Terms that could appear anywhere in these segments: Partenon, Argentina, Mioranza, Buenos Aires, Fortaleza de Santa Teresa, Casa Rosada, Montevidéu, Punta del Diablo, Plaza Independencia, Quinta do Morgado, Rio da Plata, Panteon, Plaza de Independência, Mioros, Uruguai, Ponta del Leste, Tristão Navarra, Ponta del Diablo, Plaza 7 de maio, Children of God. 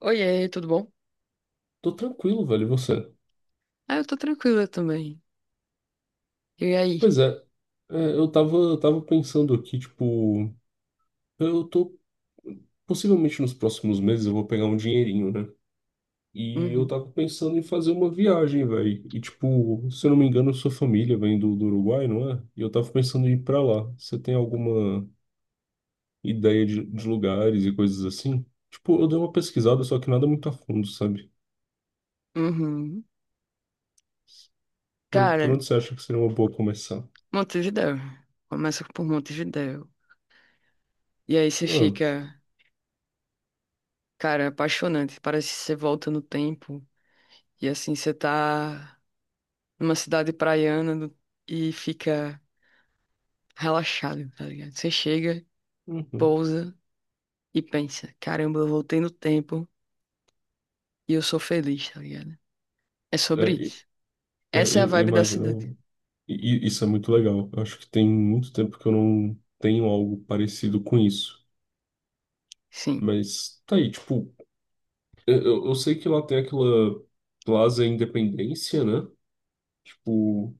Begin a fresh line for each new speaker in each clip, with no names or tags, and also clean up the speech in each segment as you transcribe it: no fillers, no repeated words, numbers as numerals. Oiê, tudo bom?
Tô tranquilo, velho, e você?
Ah, eu tô tranquila também. E aí?
Pois é, eu tava pensando aqui, tipo, eu tô, possivelmente nos próximos meses eu vou pegar um dinheirinho, né? E eu
Uhum,
tava pensando em fazer uma viagem, velho. E, tipo, se eu não me engano, sua família vem do Uruguai, não é? E eu tava pensando em ir pra lá. Você tem alguma ideia de lugares e coisas assim? Tipo, eu dei uma pesquisada, só que nada muito a fundo, sabe?
uhum.
Por
Cara,
onde você acha que seria uma boa começar?
Montevidéu. Começa por Montevidéu. E aí você
Ah,
fica, cara, apaixonante. Parece que você volta no tempo. E assim, você tá numa cidade praiana e fica relaxado, tá ligado? Você chega,
uhum.
pousa e pensa, caramba, eu voltei no tempo e eu sou feliz, tá ligado? É sobre
É,
isso. Essa é a
eu
vibe da cidade.
imagino. E isso é muito legal. Eu acho que tem muito tempo que eu não tenho algo parecido com isso.
Sim,
Mas tá aí, tipo, eu sei que lá tem aquela Plaza Independência, né? Tipo,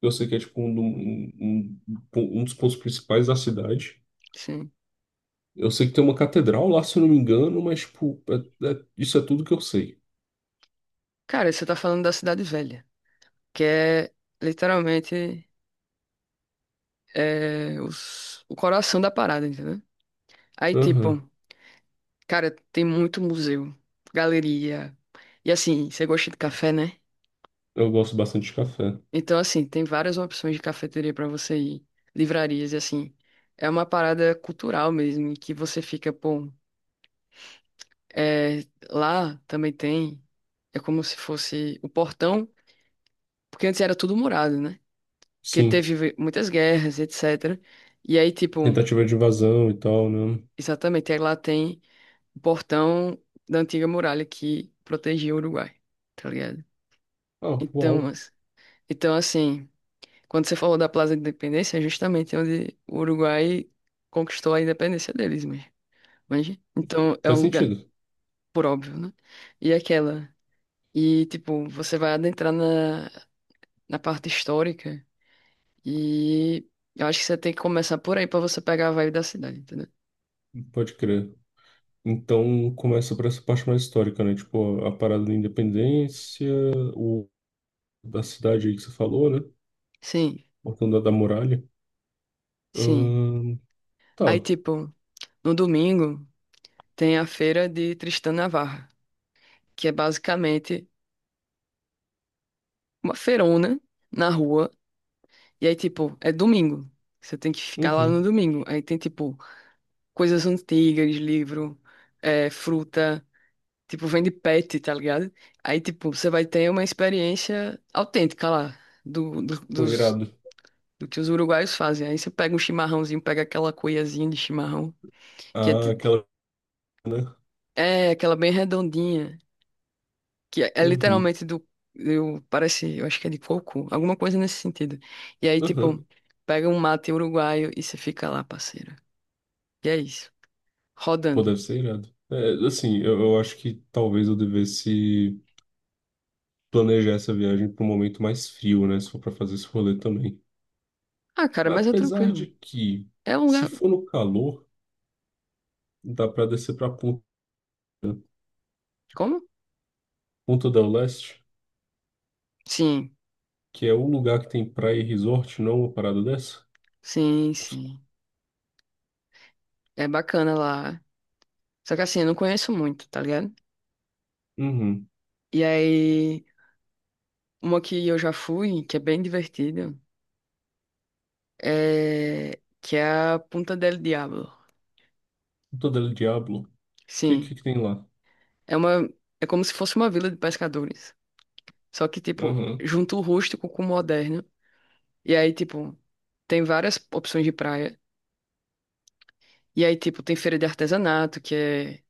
eu sei que é tipo um dos pontos principais da cidade.
sim.
Eu sei que tem uma catedral lá, se eu não me engano, mas tipo, isso é tudo que eu sei.
Cara, você tá falando da cidade velha, que é literalmente o coração da parada, entendeu? Aí,
Aham.
tipo, cara, tem muito museu, galeria. E assim, você gosta de café, né?
Eu gosto bastante de café.
Então, assim, tem várias opções de cafeteria pra você ir, livrarias, e assim, é uma parada cultural mesmo, em que você fica, pô, é, lá também tem, é como se fosse o portão, porque antes era tudo murado, né? Porque
Sim,
teve muitas guerras, etc. E aí, tipo,
tentativa de invasão e tal, né?
exatamente, aí lá tem, o portão da antiga muralha que protegia o Uruguai, tá ligado?
Ah,
Então,
uau,
então assim, quando você falou da Plaza de Independência, é justamente onde o Uruguai conquistou a independência deles mesmo, manja? Então, é um
faz
lugar,
sentido.
por óbvio, né? E aquela, e tipo, você vai adentrar na parte histórica e eu acho que você tem que começar por aí pra você pegar a vibe da cidade, entendeu?
Pode crer. Então começa por essa parte mais histórica, né? Tipo, a parada da independência, o da cidade aí que você falou, né?
Sim,
Voltando a da muralha.
sim.
Ahn, tá.
Aí, tipo, no domingo tem a feira de Tristão Navarra, que é basicamente uma feirona na rua. E aí, tipo, é domingo. Você tem que ficar lá no
Uhum.
domingo. Aí tem, tipo, coisas antigas, livro, fruta. Tipo, vende pet, tá ligado? Aí, tipo, você vai ter uma experiência autêntica lá,
Foi irado.
do que os uruguaios fazem. Aí você pega um chimarrãozinho, pega aquela cuiazinha de chimarrão, que é,
Ah,
ti-
aquela, né?
é aquela bem redondinha, que é
Uhum.
literalmente do, eu acho que é de coco, alguma coisa nesse sentido. E aí,
Uhum.
tipo, pega um mate uruguaio e você fica lá, parceiro. E é isso,
Pô,
rodando.
deve ser irado. É, assim, eu acho que talvez eu devesse planejar essa viagem para um momento mais frio, né? Se for para fazer esse rolê também.
Ah, cara, mas é
Apesar de
tranquilo.
que,
É um
se
lugar,
for no calor, dá para descer para
como?
Ponta del Leste,
Sim,
que é um lugar que tem praia e resort, não uma parada dessa?
sim, sim. É bacana lá. Só que assim, eu não conheço muito, tá ligado?
Uhum.
E aí, uma que eu já fui, que é bem divertida, é que é a Punta del Diablo.
Ponta del Diablo. O que, que
Sim,
que tem lá?
é uma, é como se fosse uma vila de pescadores. Só que, tipo,
Aham,
junta o rústico com o moderno. E aí, tipo, tem várias opções de praia. E aí, tipo, tem feira de artesanato, que é,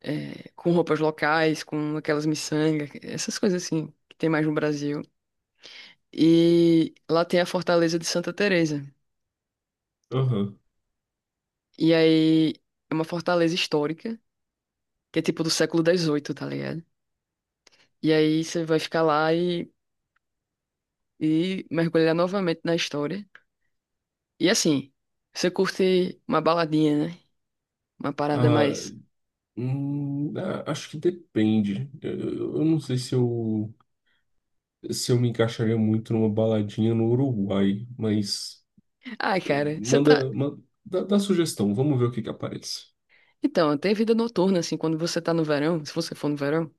é, com roupas locais, com aquelas miçangas, essas coisas assim, que tem mais no Brasil. E lá tem a Fortaleza de Santa Teresa.
aham.
E aí, é uma fortaleza histórica, que é tipo do século XVIII, tá ligado? E aí você vai ficar lá e mergulhar novamente na história. E assim, você curte uma baladinha, né? Uma parada
Ah,
mais.
acho que depende. Eu não sei se eu, se eu me encaixaria muito numa baladinha no Uruguai, mas
Ai,
eh,
cara, você tá.
manda dá sugestão, vamos ver o que que aparece.
Então, tem vida noturna, assim, quando você tá no verão, se você for no verão,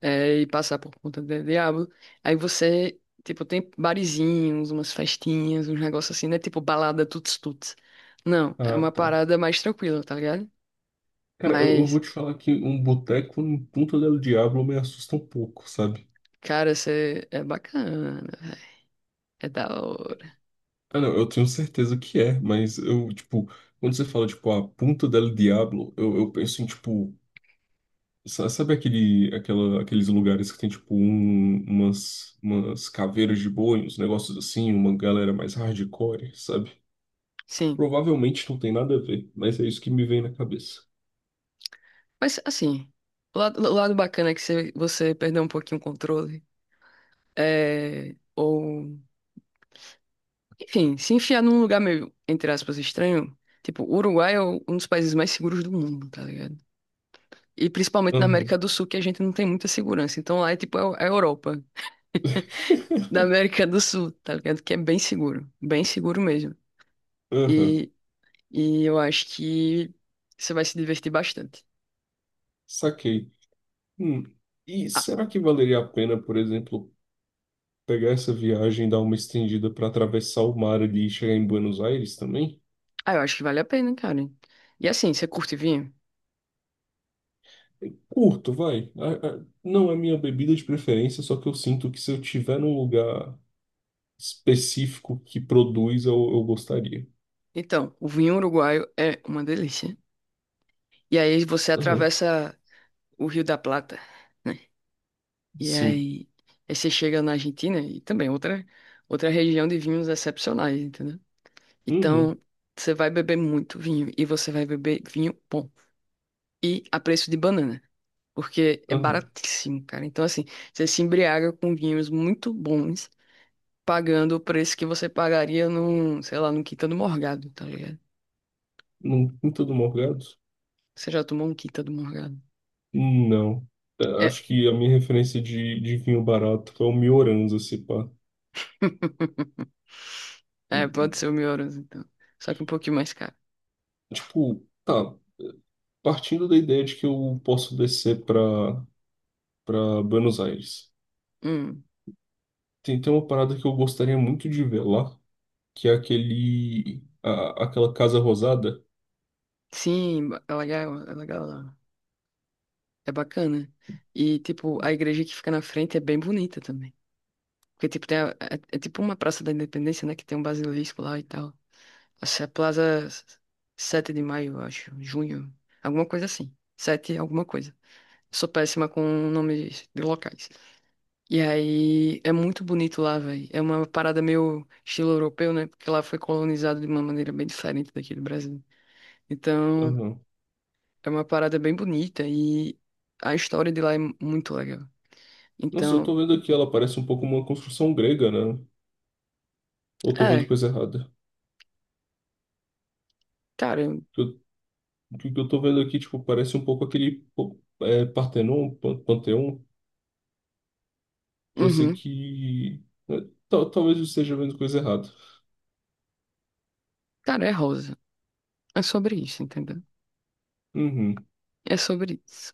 e passar por Ponta do diabo, aí você, tipo, tem barizinhos, umas festinhas, uns negócios assim, né, tipo balada tuts-tuts. Não, é
Ah,
uma
tá.
parada mais tranquila, tá ligado?
Cara, eu vou
Mas,
te falar que um boteco em Punta del Diablo me assusta um pouco, sabe?
cara, você é bacana, véi, é da hora.
Ah, não, eu tenho certeza que é, mas eu, tipo, quando você fala, tipo, a Punta del Diablo, eu penso em, tipo, sabe aqueles lugares que tem, tipo, umas caveiras de boi, uns negócios assim, uma galera mais hardcore, sabe?
Sim,
Provavelmente não tem nada a ver, mas é isso que me vem na cabeça.
mas assim, o lado bacana é que você perdeu um pouquinho o controle, é. Ou enfim, se enfiar num lugar meio, entre aspas, estranho, tipo, o Uruguai é um dos países mais seguros do mundo, tá ligado? E principalmente na
Aham.
América do Sul, que a gente não tem muita segurança. Então lá é tipo a Europa da América do Sul, tá ligado? Que é bem seguro mesmo.
Aham,
E, e eu acho que você vai se divertir bastante.
saquei. Hum, E
Ah,
será que valeria a pena, por exemplo, pegar essa viagem, dar uma estendida para atravessar o mar ali e chegar em Buenos Aires também?
ah, eu acho que vale a pena, cara. E assim, você curte vinho?
Curto, vai. Não é minha bebida de preferência, só que eu sinto que se eu tiver num lugar específico que produz, eu gostaria.
Então, o vinho uruguaio é uma delícia. E aí você
Aham,
atravessa o Rio da Plata, né? E
sim.
aí, aí você chega na Argentina e também outra região de vinhos excepcionais, entendeu?
Uhum,
Então, você vai beber muito vinho e você vai beber vinho bom. E a preço de banana, porque é
aham.
baratíssimo, cara. Então, assim, você se embriaga com vinhos muito bons, pagando o preço que você pagaria num, sei lá, num Quinta do Morgado, tá ligado?
Não Quinta do Morgado?
Você já tomou um Quinta do Morgado?
Não. É,
É.
acho que a minha referência de vinho barato é o Mioranza, se pá.
É, pode ser o Mioros, então. Só que um pouquinho mais caro.
Tipo, tá, partindo da ideia de que eu posso descer para Buenos Aires.
Hum.
Tem uma parada que eu gostaria muito de ver lá, que é aquela Casa Rosada.
Sim, é legal, é legal. É bacana. E, tipo, a igreja que fica na frente é bem bonita também. Porque, tipo, é tipo uma Praça da Independência, né? Que tem um basilisco lá e tal. Essa é a Plaza 7 de maio, eu acho. Junho. Alguma coisa assim. Sete alguma coisa. Sou péssima com nomes de locais. E aí, é muito bonito lá, velho. É uma parada meio estilo europeu, né? Porque lá foi colonizado de uma maneira bem diferente daqui do Brasil. Então.
Aham.
É uma parada bem bonita e a história de lá é muito legal.
Nossa, eu
Então,
tô vendo aqui, ela parece um pouco uma construção grega, né? Ou eu tô vendo
é,
coisa errada?
cara,
O que eu, o que eu tô vendo aqui, tipo, parece um pouco aquele pô, é, Panteon, que eu sei
uhum,
que... É, talvez eu esteja vendo coisa errada.
cara, é rosa. É sobre isso, entendeu?
Uhum.
É sobre isso.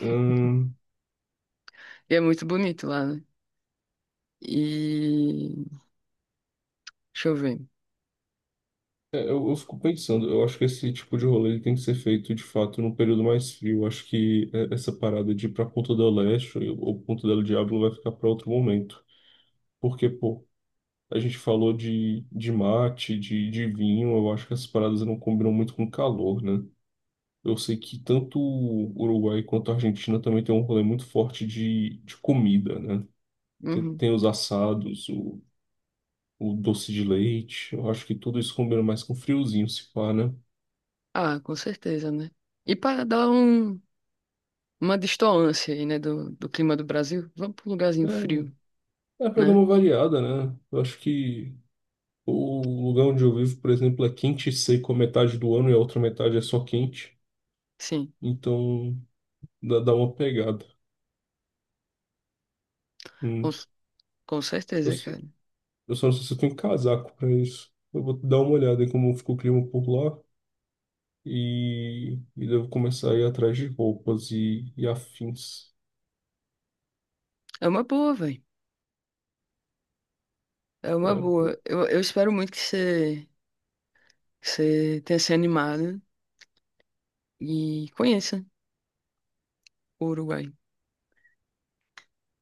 Ahn,
E é muito bonito lá, né? E deixa eu ver.
é, eu fico pensando, eu acho que esse tipo de rolê tem que ser feito de fato num período mais frio. Eu acho que é, essa parada de ir pra Ponta del Este ou Ponta del Diablo vai ficar para outro momento. Porque, pô, a gente falou de mate, de vinho, eu acho que essas paradas não combinam muito com calor, né? Eu sei que tanto o Uruguai quanto a Argentina também tem um rolê muito forte de comida, né? Tem,
Uhum.
tem os assados, o doce de leite, eu acho que tudo isso combina mais com friozinho, se pá, né?
Ah, com certeza, né? E para dar um, uma distoância aí, né, do, clima do Brasil, vamos para um lugarzinho frio,
É, É para dar
né?
uma variada, né? Eu acho que o lugar onde eu vivo, por exemplo, é quente e seco a metade do ano e a outra metade é só quente.
Sim,
Então dá uma pegada.
com,
Hum.
com
Eu,
certeza,
só-
cara.
eu só não sei se eu tenho casaco para isso. Eu vou dar uma olhada em como ficou o clima por lá e devo começar a ir atrás de roupas e afins.
É uma boa, velho. É uma
É,
boa. Eu espero muito que você tenha se animado e conheça o Uruguai.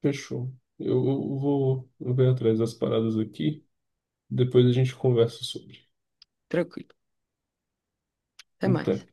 fechou. Eu vou ver atrás das paradas aqui. Depois a gente conversa sobre.
Tranquilo. Até
Até.
mais.